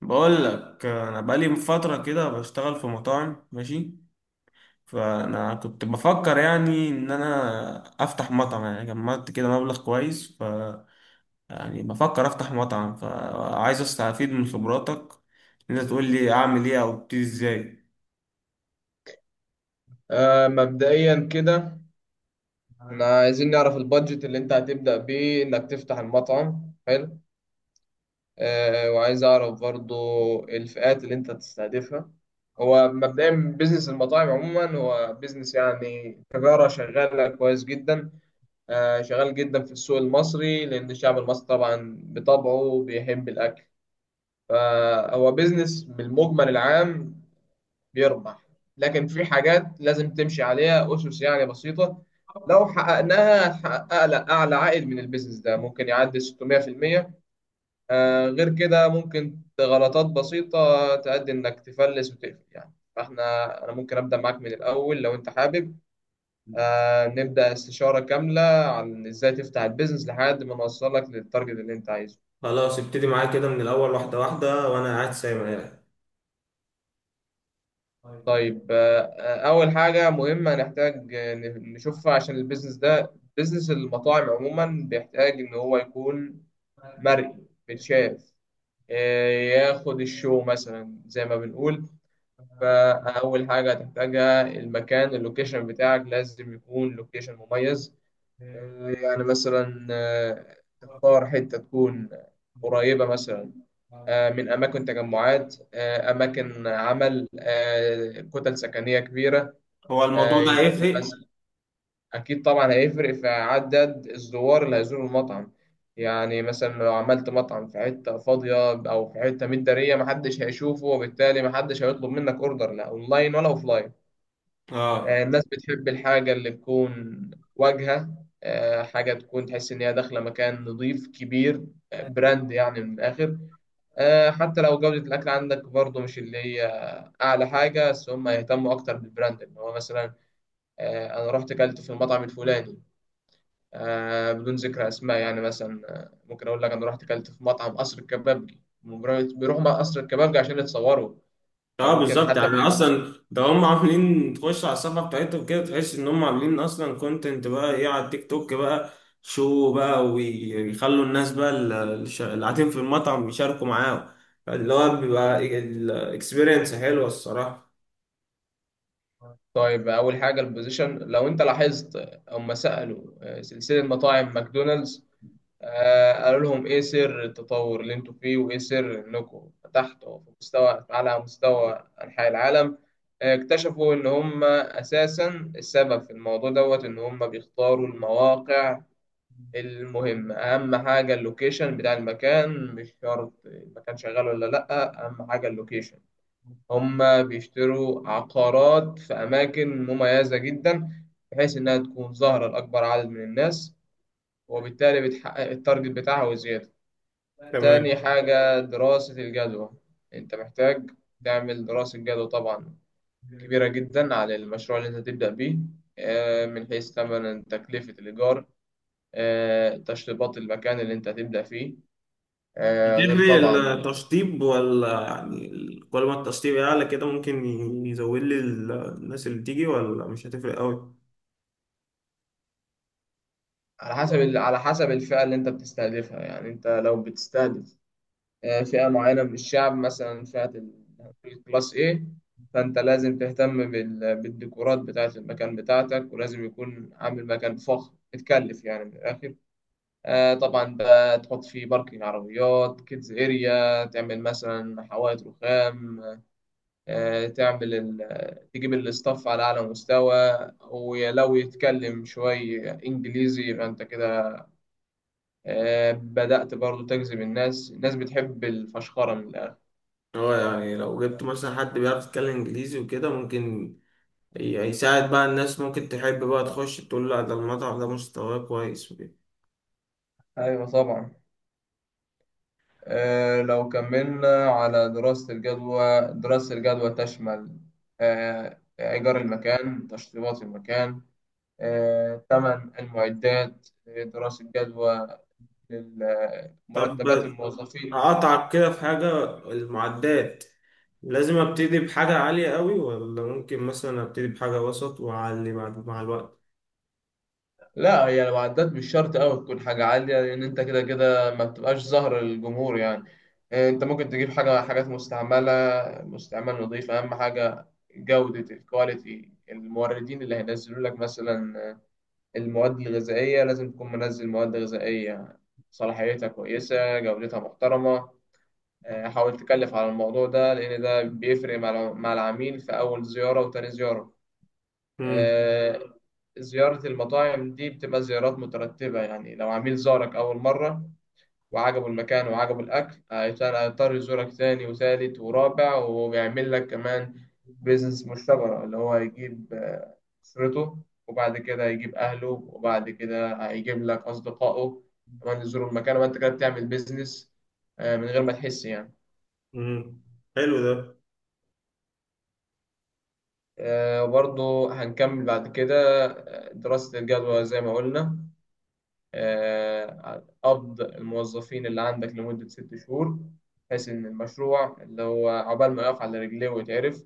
بقول لك انا بقالي من فتره كده بشتغل في مطاعم، ماشي. فانا كنت بفكر يعني ان انا افتح مطعم، يعني جمعت كده مبلغ كويس، يعني بفكر افتح مطعم، فعايز استفيد من خبراتك إن انت تقول لي اعمل ايه او ابتدي ازاي. مبدئيا كده، احنا عايزين نعرف البادجت اللي انت هتبدأ بيه انك تفتح المطعم. حلو. وعايز اعرف برضو الفئات اللي انت هتستهدفها. هو مبدئيا، بيزنس المطاعم عموما هو بيزنس، يعني تجارة شغالة كويس جدا. شغال جدا في السوق المصري، لأن الشعب المصري طبعا بطبعه بيحب الأكل. فهو بيزنس بالمجمل العام بيربح. لكن في حاجات لازم تمشي عليها أسس يعني بسيطة. لو حققناها هتحقق أعلى أعلى عائد من البيزنس ده، ممكن يعدي 600%. غير كده، ممكن غلطات بسيطة تؤدي إنك تفلس وتقفل، يعني فإحنا، أنا ممكن أبدأ معاك من الأول لو أنت حابب. نبدأ استشارة كاملة عن إزاي تفتح البيزنس لحد ما نوصلك للتارجت اللي أنت عايزه. خلاص، ابتدي معايا كده من الأول واحدة واحدة وأنا قاعد سايب عليها. طيب. أول حاجة مهمة نحتاج نشوفها، عشان البيزنس ده، بيزنس المطاعم عموما، بيحتاج إن هو يكون مرئي، بيتشاف، ياخد الشو مثلا زي ما بنقول. فأول حاجة هتحتاجها المكان. اللوكيشن بتاعك لازم يكون لوكيشن مميز. يعني مثلا تختار حتة تكون قريبة، مثلا من أماكن تجمعات، أماكن عمل، كتل سكنية كبيرة، هو الموضوع ده يكون هيفرق؟ مثلا. أكيد طبعا هيفرق في عدد الزوار اللي هيزوروا المطعم. يعني مثلا لو عملت مطعم في حتة فاضية أو في حتة متدارية، محدش هيشوفه، وبالتالي محدش هيطلب منك أوردر، لا أونلاين ولا أوفلاين. اه، الناس بتحب الحاجة اللي تكون واجهة. حاجة تكون تحس إن هي داخلة مكان نظيف كبير. براند يعني، من الآخر. حتى لو جودة الأكل عندك برضه مش اللي هي أعلى حاجة، بس هم يهتموا أكتر بالبراند، إن هو مثلا انا رحت اكلت في المطعم الفلاني. بدون ذكر اسماء، يعني مثلا ممكن اقول لك انا رحت اكلت في مطعم قصر الكبابجي. بيروحوا مع قصر الكبابجي عشان يتصوروا. آه، اه، ممكن بالظبط، حتى يعني ما اصلا ده هم عاملين تخش على الصفحه بتاعتهم كده تحس ان هم عاملين اصلا كونتنت بقى ايه على التيك توك بقى شو بقى، ويخلوا الناس بقى اللي قاعدين في المطعم يشاركوا معاهم، اللي هو بيبقى الاكسبيرينس حلوه الصراحه. طيب، اول حاجه البوزيشن. لو انت لاحظت، هم سالوا سلسله مطاعم ماكدونالدز قالوا لهم: ايه سر التطور اللي انتوا فيه، وايه سر انكم فتحتوا في مستوى على مستوى انحاء العالم؟ اكتشفوا ان هم اساسا السبب في الموضوع دوت، ان هم بيختاروا المواقع. المهم، اهم حاجه اللوكيشن بتاع المكان، مش شرط المكان شغال ولا لا. اهم حاجه اللوكيشن. هما بيشتروا عقارات في اماكن مميزه جدا، بحيث انها تكون ظاهره لاكبر عدد من الناس، وبالتالي بتحقق التارجت بتاعها وزياده. تمام. تاني حاجه، دراسه الجدوى. انت محتاج تعمل دراسه جدوى طبعا كبيره جدا على المشروع اللي انت تبدا بيه، من حيث ثمن تكلفه الايجار، تشطيبات المكان اللي انت هتبدأ فيه، غير بتدري طبعا. التشطيب ولا يعني كل ما التشطيب يعلى كده ممكن يزود لي الناس اللي تيجي، ولا مش هتفرق قوي؟ على حسب الفئة اللي انت بتستهدفها. يعني انت لو بتستهدف فئة معينة من الشعب، مثلا الكلاس A، فانت لازم تهتم بالديكورات بتاعة المكان بتاعتك، ولازم يكون عامل مكان فخم متكلف يعني من الآخر. طبعا بقى تحط فيه باركينج عربيات، كيدز اريا، تعمل مثلا حوائط رخام، تجيب الاستاف على أعلى مستوى. ولو يتكلم شوية إنجليزي يبقى أنت كده بدأت برضو تجذب الناس. الناس بتحب الفشخرة من الآخر. هو يعني لو جبت مثلا حد بيعرف يتكلم انجليزي وكده ممكن يساعد بقى، الناس ممكن تحب بقى تخش تقول لا ده المطعم ده مستواه كويس وكده. أيوة طبعا. لو كملنا على دراسة الجدوى، دراسة الجدوى تشمل إيجار المكان، تشطيبات المكان، ثمن المعدات، دراسة جدوى طب، مرتبات الموظفين. أقطعك كده في حاجة. المعدات، لازم أبتدي بحاجة عالية قوي ولا ممكن مثلا أبتدي بحاجة وسط وأعلي بعد مع الوقت؟ لا، هي لو عدت مش شرط قوي تكون حاجة عالية، لأن أنت كده كده ما بتبقاش ظاهر للجمهور يعني. أنت ممكن تجيب حاجات مستعملة. مستعمل نظيف أهم حاجة. جودة الكواليتي، الموردين اللي هينزلوا لك مثلا المواد الغذائية لازم تكون منزل مواد غذائية صلاحيتها كويسة، جودتها محترمة. حاول تكلف على الموضوع ده، لأن ده بيفرق مع العميل في أول زيارة وتاني زيارة. مم. آه، زيارة المطاعم دي بتبقى زيارات مترتبة. يعني لو عميل زارك أول مرة وعجبه المكان وعجبه الأكل، هيضطر يزورك تاني وتالت ورابع، وبيعمل لك كمان بيزنس مشتبرة، اللي هو هيجيب أسرته. وبعد كده هيجيب أهله، وبعد كده هيجيب لك أصدقائه كمان يزوروا المكان، وأنت كده بتعمل بيزنس من غير ما تحس يعني. مم. حلو ده. وبرضه هنكمل بعد كده. دراسة الجدوى زي ما قلنا، قبض الموظفين اللي عندك لمدة 6 شهور، بحيث إن المشروع اللي هو عقبال ما يقف على رجليه ويتعرف.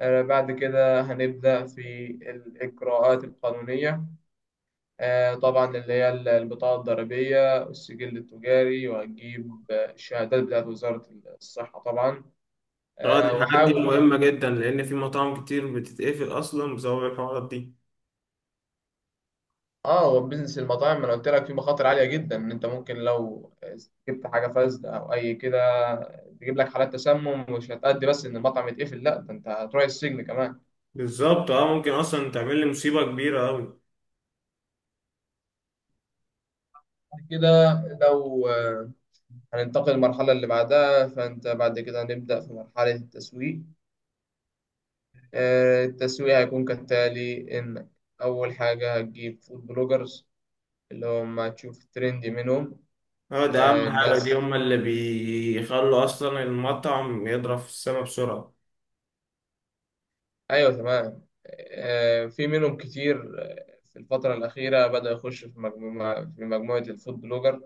بعد كده هنبدأ في الإجراءات القانونية، طبعا اللي هي البطاقة الضريبية والسجل التجاري، وهتجيب الشهادات بتاعت وزارة الصحة طبعا. اه، دي آه، الحاجات وحاول دي مهمة جدا لأن في مطاعم كتير بتتقفل أصلا بسبب الحوارات دي. اه هو بيزنس المطاعم، انا قلت لك فيه مخاطر عاليه جدا، ان انت ممكن لو جبت حاجه فاسده او اي كده، تجيب لك حالات تسمم، مش هتأدي بس ان المطعم يتقفل، لا ده انت هتروح السجن كمان. بالظبط، اه، ممكن أصلا تعمل لي مصيبة كبيرة أوي. بعد كده، لو آه، هننتقل للمرحله اللي بعدها. فانت بعد كده هنبدأ في مرحله التسويق. التسويق هيكون كالتالي، انك اول حاجه هتجيب فود بلوجرز، اللي هم هتشوف ترندي منهم. اه، ده اهم حاجة، دي الناس. هما اللي بيخلوا اصلا المطعم يضرب في السما بسرعة. ايوه، تمام. في منهم كتير. في الفترة الأخيرة بدأ يخش في مجموعة الفود بلوجر.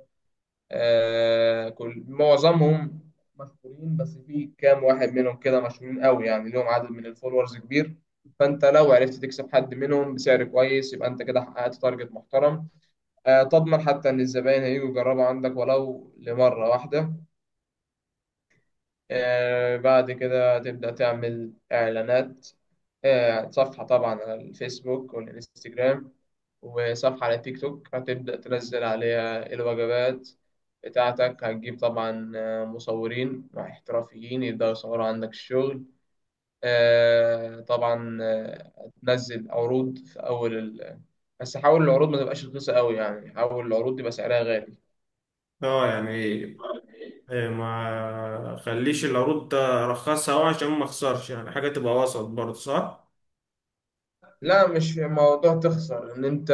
معظمهم مشهورين، بس في كام واحد منهم كده مشهورين قوي، يعني ليهم عدد من الفولورز كبير. فأنت لو عرفت تكسب حد منهم بسعر كويس، يبقى أنت كده حققت تارجت محترم. تضمن حتى إن الزباين هيجوا يجربوا عندك ولو لمرة واحدة. بعد كده تبدأ تعمل إعلانات. صفحة طبعا على الفيسبوك والإنستجرام، وصفحة على تيك توك هتبدأ تنزل عليها الوجبات بتاعتك. هتجيب طبعا مصورين احترافيين يبدأوا يصوروا عندك الشغل. طبعا هتنزل عروض في أول بس حاول العروض ما تبقاش رخيصة قوي، يعني حاول العروض تبقى سعرها غالي. اه، يعني ما خليش العروض ده رخصها أوي عشان ما اخسرش، يعني حاجة تبقى وسط برضه، صح؟ لا، مش في موضوع تخسر، ان انت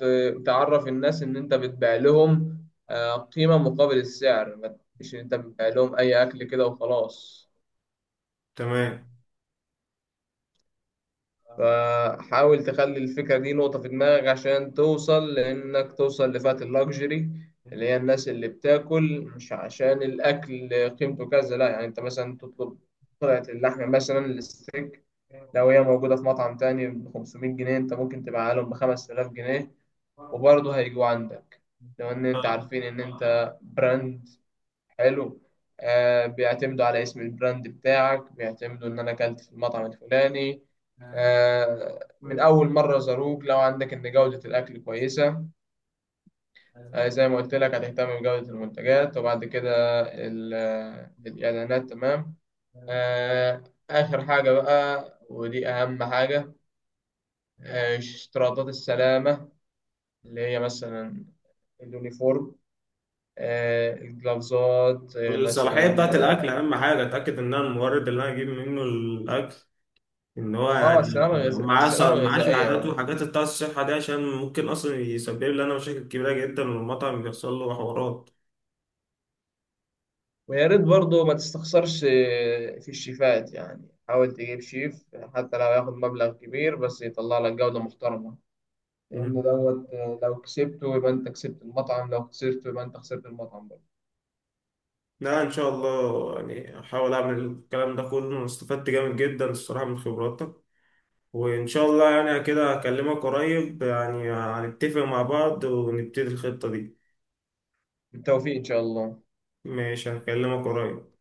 تعرف الناس ان انت بتبيع لهم قيمة مقابل السعر، مش ان انت بتبيع لهم اي اكل كده وخلاص. تمام. فحاول تخلي الفكرة دي نقطة في دماغك، عشان توصل لفئة اللاكجري. اللي هي الناس اللي بتاكل مش عشان الاكل قيمته كذا، لا يعني انت مثلا تطلب قطعة اللحمة، مثلا الستيك، لو هي موجودة في مطعم تاني ب 500 جنيه، انت ممكن تبيعها لهم ب 5000 جنيه وبرضه هيجوا عندك. لو ان انت عارفين ان انت براند حلو، بيعتمدوا على اسم البراند بتاعك، بيعتمدوا ان انا اكلت في المطعم الفلاني آه. من اول مرة زاروك، لو عندك ان جودة الاكل كويسة. زي ما قلت لك هتهتم بجودة المنتجات، وبعد كده الاعلانات. تمام. آه اخر حاجة بقى، ودي اهم حاجة. اشتراطات السلامة، اللي هي مثلا اليونيفورم، الجلافزات، والصلاحية مثلا بتاعت الأكل أهم حاجة، أتأكد إن أنا المورد اللي أنا أجيب منه الأكل ان هو يعني السلامة الغذائية، معاه ص- السلامة معاه الغذائية شهادات آه. وحاجات بتاع الصحه دي، عشان ممكن اصلا يسبب لي انا مشاكل كبيره جدا والمطعم بيحصل له حوارات. ويا ريت برضه ما تستخسرش في الشيفات، يعني حاول تجيب شيف حتى لو ياخد مبلغ كبير بس يطلع لك جودة محترمة. لأن مم. دوت، لو كسبته يبقى أنت كسبت المطعم، لو خسرته يبقى أنت خسرت المطعم برضه. لا، ان شاء الله يعني احاول اعمل الكلام ده كله. أنا استفدت جامد جدا الصراحه من خبراتك، وان شاء الله يعني كده اكلمك قريب، يعني هنتفق مع بعض ونبتدي الخطه دي. بالتوفيق إن شاء الله. ماشي، هكلمك قريب.